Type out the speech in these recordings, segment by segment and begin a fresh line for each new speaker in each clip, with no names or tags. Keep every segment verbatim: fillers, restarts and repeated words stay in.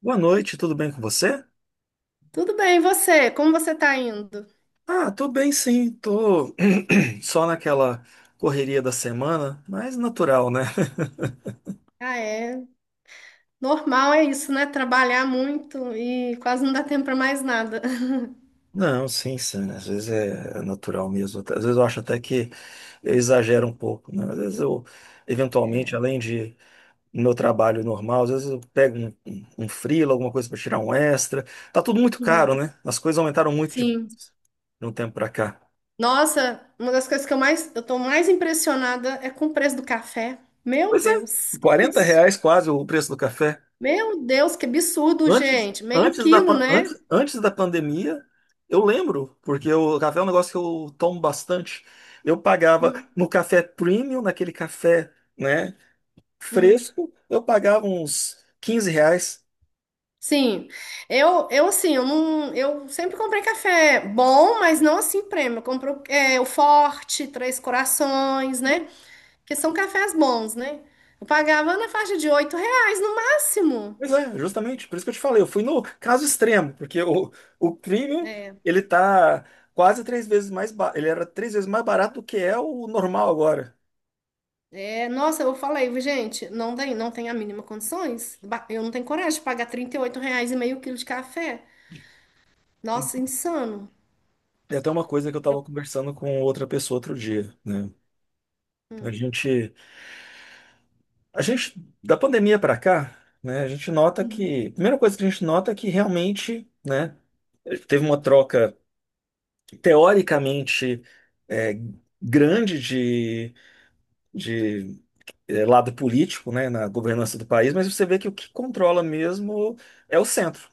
Boa noite, tudo bem com você?
Tudo bem, e você? Como você tá indo?
Ah, tô bem, sim, tô só naquela correria da semana, mas natural, né?
Ah, é. Normal é isso, né? Trabalhar muito e quase não dá tempo para mais nada.
Não, sim, sim, às vezes é natural mesmo. Às vezes eu acho até que eu exagero um pouco, né? Às vezes eu, eventualmente, além de no meu trabalho normal, às vezes eu pego um, um, um freela, alguma coisa para tirar um extra. Tá tudo muito
Uhum.
caro, né? As coisas aumentaram muito de, de
Sim.
um tempo para cá.
Nossa, uma das coisas que eu mais, eu tô mais impressionada é com o preço do café. Meu
Pois é.
Deus, que
Quarenta
isso?
reais quase o preço do café.
Meu Deus, que absurdo,
Antes,
gente. Meio
antes da,
quilo,
pan- antes,
né?
antes da pandemia, eu lembro, porque o café é um negócio que eu tomo bastante. Eu pagava
Uhum.
no café premium, naquele café, né,
Uhum.
fresco, eu pagava uns quinze reais.
Sim. Eu, eu assim, eu não, eu sempre comprei café bom, mas não assim prêmio. Eu compro é, o Forte, Três Corações, né?
Hum.
Porque são cafés bons, né? Eu pagava na faixa de oito reais no máximo.
Pois é, justamente, por isso que eu te falei, eu fui no caso extremo, porque o, o premium,
É,
ele tá quase três vezes mais, ba- ele era três vezes mais barato do que é o normal agora.
é, nossa, eu falei, gente, não tem, não tem a mínima condições. Ba- Eu não tenho coragem de pagar trinta e oito reais e meio quilo de café. Nossa, insano.
É até uma coisa que eu estava conversando com outra pessoa outro dia, né? A
Hum,
gente A gente, da pandemia para cá, né, a gente nota que a primeira coisa que a gente nota é que realmente, né, teve uma troca teoricamente é, grande de, de é, lado político, né, na governança do país, mas você vê que o que controla mesmo é o centro.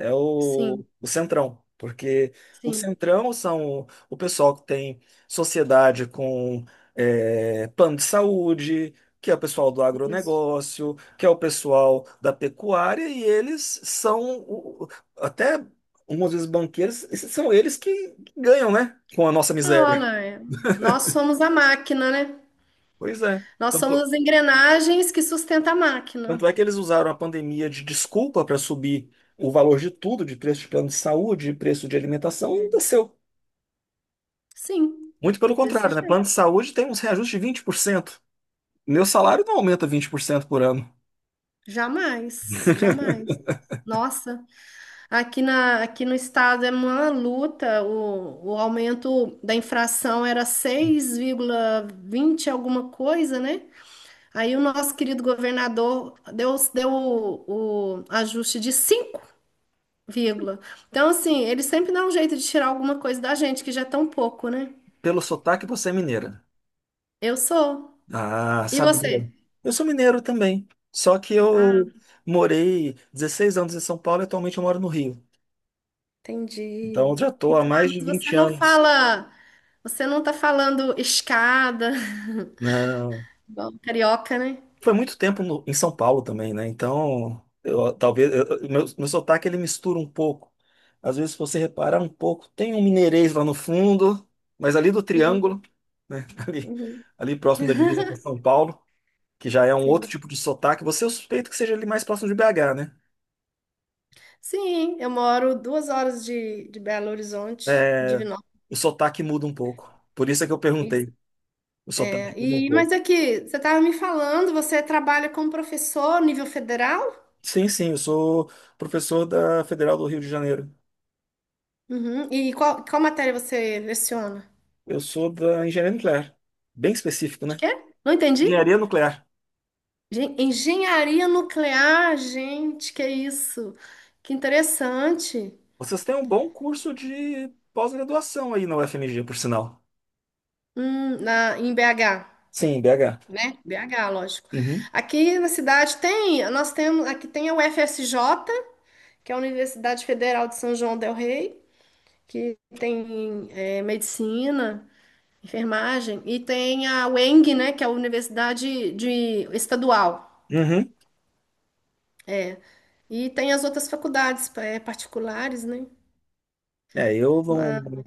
É o,
sim,
o Centrão, porque o
sim,
Centrão são o pessoal que tem sociedade com eh, plano de saúde, que é o pessoal do
isso.
agronegócio, que é o pessoal da pecuária, e eles são o- o- até algumas vezes banqueiros, esses são eles que ganham, né? Com a nossa miséria.
Olha, é, nós somos a máquina, né?
Pois é.
Nós somos
Tanto,
as engrenagens que sustentam a máquina.
tanto é que eles usaram a pandemia de desculpa para subir o valor de tudo, de preço de plano de saúde, de preço de alimentação, e
É.
ainda
Sim,
muito pelo
desse
contrário, né? Plano
jeito.
de saúde tem uns reajustes de vinte por cento. Meu salário não aumenta vinte por cento por ano.
Jamais, jamais. Nossa. Aqui, na, aqui no estado é uma luta, o, o aumento da infração era seis vírgula vinte alguma coisa, né? Aí o nosso querido governador deu, deu o, o ajuste de cinco vírgula. Então, assim, ele sempre dá um jeito de tirar alguma coisa da gente, que já é tão pouco, né?
Pelo sotaque, você é mineira.
Eu sou.
Ah,
E
sabe? Mineira.
você?
Eu sou mineiro também. Só que
Ah,
eu morei dezesseis anos em São Paulo e atualmente eu moro no Rio. Então
entendi.
eu já estou há
Então, ah,
mais de
mas você
vinte
não
anos.
fala, você não tá falando escada,
Não.
igual carioca, né?
Foi muito tempo no- em São Paulo também, né? Então, eu- talvez eu- eu- meu, meu sotaque ele mistura um pouco. Às vezes, se você reparar um pouco, tem um mineirês lá no fundo, mas ali do
Uhum,
triângulo, né? Ali,
uhum.
ali próximo da divisa com São Paulo, que já é um outro
Sim.
tipo de sotaque. Você, eu suspeito que seja ali mais próximo de B H, né?
Sim, eu moro duas horas de, de Belo Horizonte,
É,
Divinópolis.
o sotaque muda um pouco. Por isso é que eu perguntei. O sotaque
É,
muda um
e, mas
pouco.
aqui, você estava me falando, você trabalha como professor nível federal?
Sim, sim, eu sou professor da Federal do Rio de Janeiro.
Uhum. E qual, qual matéria você leciona?
Eu sou da engenharia nuclear. Bem específico,
De
né?
quê? Não entendi.
Engenharia nuclear.
Gen- Engenharia nuclear, gente, que isso? Que interessante.
Vocês têm um bom curso de pós-graduação aí na U F M G, por sinal.
Hum, na, em B H,
Sim, B H.
né? B H, lógico.
Uhum.
Aqui na cidade tem, nós temos, aqui tem a U F S J, que é a Universidade Federal de São João del Rei, que tem é, medicina, enfermagem, e tem a U E N G, né, que é a Universidade de, Estadual.
Uhum.
E tem as outras faculdades é, particulares, né?
É, eu
Mas
não.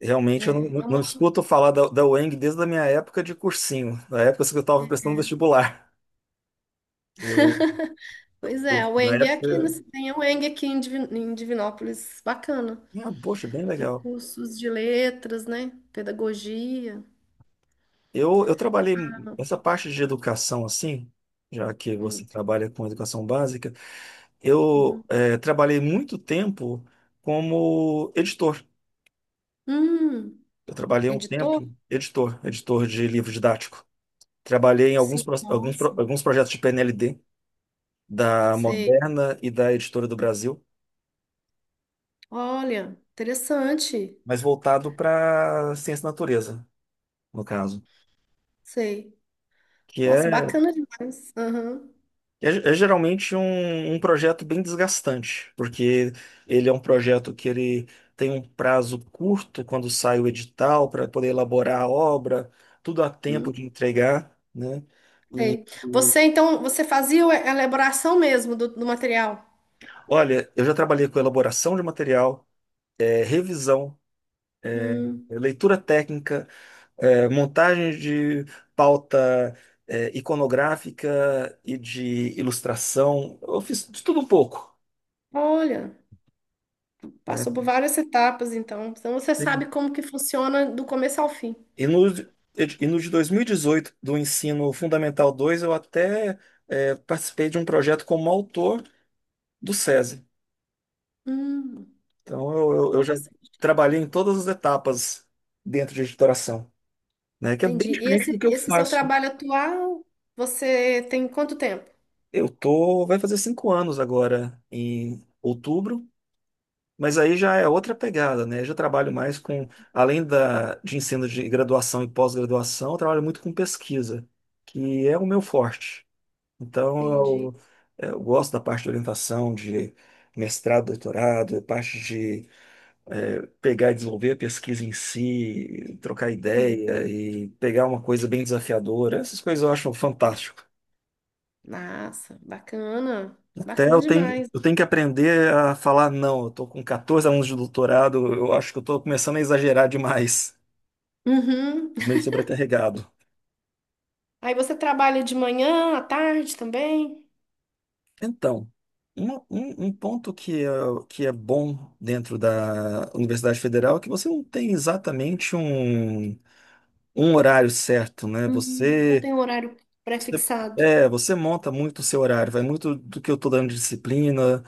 Realmente eu não,
é uma,
não escuto falar da, da U E N G desde a minha época de cursinho, da época que eu estava prestando vestibular. Eu, eu,
pois é, a
eu- na
U E N G é aqui, né,
época,
tem a U E N G aqui em Divi- em Divinópolis, bacana.
ah, poxa, bem
Tem
legal.
cursos de letras, né? Pedagogia.
Eu, eu trabalhei essa parte de educação assim, já que você
Hum,
trabalha com educação básica,
uhum.
eu eh, trabalhei muito tempo como editor.
Hum,
Eu trabalhei um
editor?
tempo editor, editor de livro didático. Trabalhei em alguns,
Sim,
pro- alguns, pro-
nossa.
alguns projetos de P N L D da
Sei.
Moderna e da Editora do Brasil.
Olha, interessante.
Mas voltado para ciência da natureza, no caso.
Sei.
Que
Nossa,
é, é,
bacana demais. Aham.
é geralmente um, um projeto bem desgastante, porque ele é um projeto que ele tem um prazo curto quando sai o edital para poder elaborar a obra, tudo a tempo
Hum,
de entregar, né? E,
sei.
e,
Você, então, você fazia a elaboração mesmo do, do material?
olha, eu já trabalhei com elaboração de material, eh, revisão,
Hum,
eh, leitura técnica, é, montagem de pauta é, iconográfica e de ilustração. Eu fiz de tudo um pouco,
olha, passou por
né?
várias etapas, então. Então você
Tem-
sabe como que funciona do começo ao fim.
E no, e no de dois mil e dezoito, do Ensino Fundamental dois eu até é, participei de um projeto como autor do SESI.
Hum,
Então, eu, eu- eu já
nossa,
trabalhei em todas as etapas dentro de editoração, né? Que é bem
entendi. E
diferente
Esse,
do que eu
esse seu
faço.
trabalho atual, você tem quanto tempo?
Eu tô, vai fazer cinco anos agora, em outubro. Mas aí já é outra pegada, né? Eu já trabalho mais com, além da, de ensino de graduação e pós-graduação, eu trabalho muito com pesquisa, que é o meu forte. Então,
Entendi.
eu, eu gosto da parte de orientação, de mestrado, doutorado, parte de eh, pegar e desenvolver a pesquisa em si, trocar
Uhum.
ideia e pegar uma coisa bem desafiadora. Essas coisas eu acho fantástico.
Nossa, bacana.
Até
Bacana
eu tenho,
demais.
eu tenho que aprender a falar não. Eu tô com quatorze anos de doutorado, eu acho que eu tô começando a exagerar demais,
Uhum.
meio sobrecarregado.
Aí você trabalha de manhã, à tarde também?
Então, uma- um, um ponto que é, que é, bom dentro da Universidade Federal é que você não tem exatamente um, um horário certo, né?
Hum, não
Você,
tem um horário
você,
pré-fixado.
é, você monta muito o seu horário, vai muito do que eu estou dando de disciplina,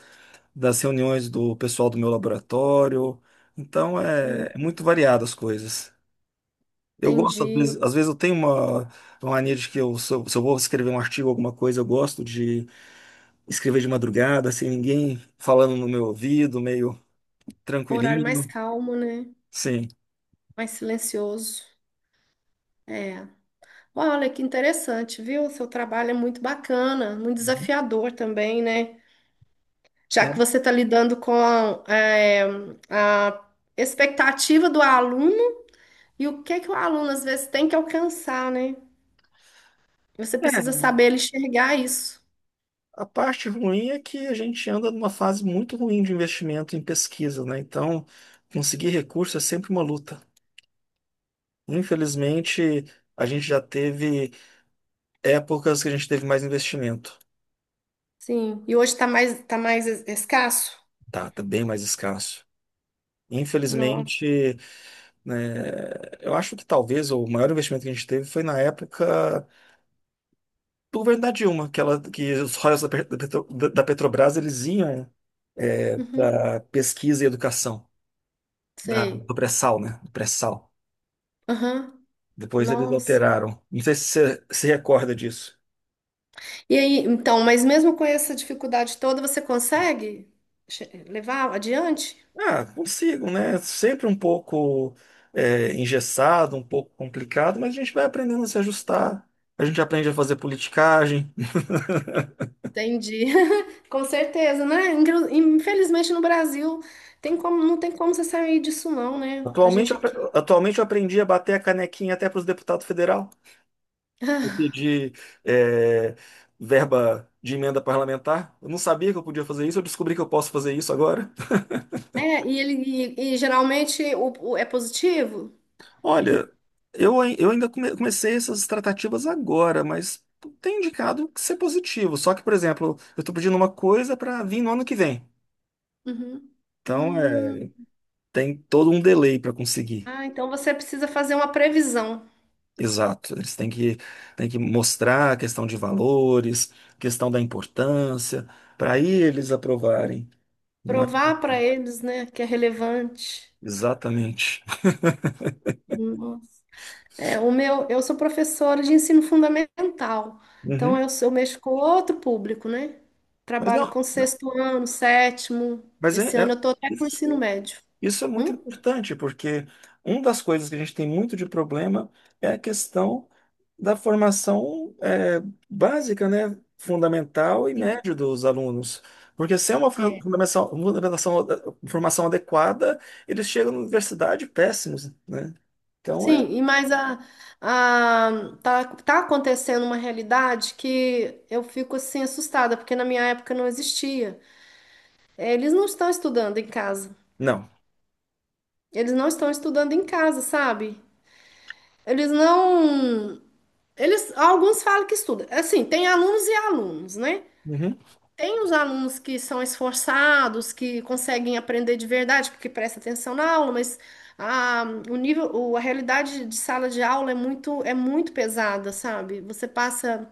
das reuniões do pessoal do meu laboratório. Então, é é
Hum,
muito variado as coisas. Eu gosto, às
Entendi.
vezes, às vezes eu tenho uma, uma mania de que eu, se eu, se eu vou escrever um artigo, alguma coisa, eu gosto de escrever de madrugada, sem ninguém falando no meu ouvido, meio
Um horário mais
tranquilinho.
calmo, né?
Sim.
Mais silencioso. É. Olha, que interessante, viu? O seu trabalho é muito bacana, muito desafiador também, né? Já
É.
que você está lidando com é, a expectativa do aluno e o que é que o aluno às vezes tem que alcançar, né? Você precisa
É,
saber enxergar isso.
a parte ruim é que a gente anda numa fase muito ruim de investimento em pesquisa, né? Então, conseguir recurso é sempre uma luta. Infelizmente, a gente já teve épocas que a gente teve mais investimento.
Sim. E hoje está mais, tá mais es- escasso?
Tá, tá bem mais escasso.
Nossa.
Infelizmente, né? Eu acho que talvez o maior investimento que a gente teve foi na época do governo da Dilma, que, ela, que os royalties da, Pe- da Petro- da- da Petrobras eles iam
Uhum.
para pesquisa e educação da,
Sei.
do pré-sal, né? Do pré-sal.
Aham.
Depois eles
Nossa.
alteraram. Não sei se você se recorda disso.
E aí, então, mas mesmo com essa dificuldade toda, você consegue che- levar adiante?
Ah, consigo, né? Sempre um pouco é, engessado, um pouco complicado, mas a gente vai aprendendo a se ajustar. A gente aprende a fazer politicagem.
Entendi. Com certeza, né? Inclu- Infelizmente no Brasil tem como, não tem como você sair disso não, né? A
Atualmente,
gente
eu apre-
aqui.
atualmente eu aprendi a bater a canequinha até para os deputados federal. Eu pedi é, verba de emenda parlamentar. Eu não sabia que eu podia fazer isso, eu descobri que eu posso fazer isso agora.
É, e ele e, e geralmente o, o- é positivo?
Olha, eu, ai- eu ainda come- comecei essas tratativas agora, mas tem indicado que ser positivo. Só que, por exemplo, eu estou pedindo uma coisa para vir no ano que vem.
Uhum.
Então, é,
Hum.
tem todo um delay para conseguir.
Ah, então você precisa fazer uma previsão,
Exato. Eles têm que, têm que mostrar a questão de valores, questão da importância, para aí eles aprovarem, não é?
provar para eles, né, que é relevante.
Exatamente.
É, o meu, eu sou professora de ensino fundamental, então
Uhum.
eu, sou- eu mexo com outro público, né?
Mas
Trabalho
não,
com
não.
sexto ano, sétimo.
mas é,
Esse ano
é-
eu estou até com o ensino
isso,
médio.
isso é muito
Hum?
importante, porque uma das coisas que a gente tem muito de problema é a questão da formação é, básica, né, fundamental e
Sim.
média dos alunos. Porque sem uma for-
É.
fundamentação, fundamentação- formação adequada, eles chegam na universidade péssimos, né? Então é.
Sim, e mas a, a, tá, tá acontecendo uma realidade que eu fico assim assustada, porque na minha época não existia. É, eles não estão estudando em casa.
Não.
Eles não estão estudando em casa, sabe? Eles não. Eles, alguns falam que estudam. Assim, tem alunos e alunos, né?
Uhum,
Tem os alunos que são esforçados, que conseguem aprender de verdade, porque presta atenção na aula, mas a, o nível, o- a realidade de sala de aula é muito, é muito pesada, sabe? Você passa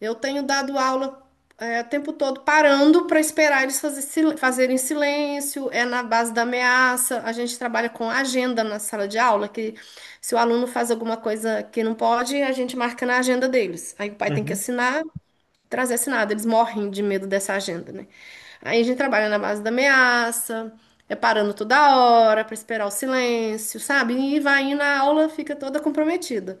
eu tenho dado aula é, o tempo todo parando para esperar eles fazer sil- fazerem silêncio, é na base da ameaça. A gente trabalha com agenda na sala de aula, que se o aluno faz alguma coisa que não pode, a gente marca na agenda deles. Aí o pai tem que
uhum.
assinar, trazer assinado. Eles morrem de medo dessa agenda, né? Aí a gente trabalha na base da ameaça, é parando toda hora para esperar o silêncio, sabe? E vai indo, a aula fica toda comprometida.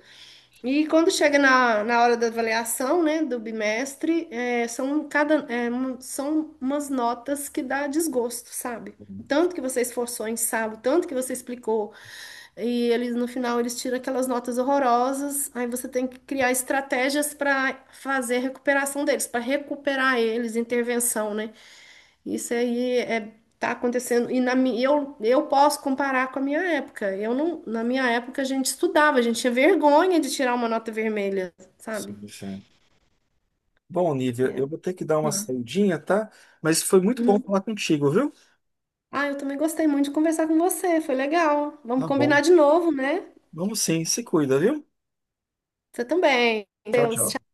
E quando chega na, na hora da avaliação, né, do bimestre, é, são cada, é, um- são umas notas que dá desgosto, sabe? O tanto que você esforçou em sala, o tanto que você explicou, e eles no final eles tiram aquelas notas horrorosas, aí você tem que criar estratégias para fazer a recuperação deles, para recuperar eles, intervenção, né? Isso aí é, tá acontecendo. E na, mi- eu, eu posso comparar com a minha época. Eu não, na minha época a gente estudava, a gente tinha vergonha de tirar uma nota vermelha, sabe?
Sim, sim. Bom, Nívia,
É.
eu vou ter que dar uma
Hum.
saidinha, tá? Mas foi muito bom
Uhum.
falar contigo, viu?
Ah, eu também gostei muito de conversar com você, foi legal. Vamos
Tá bom.
combinar de novo, né?
Vamos sim, se cuida, viu?
Você também.
Tchau,
Deus,
tchau.
tchau.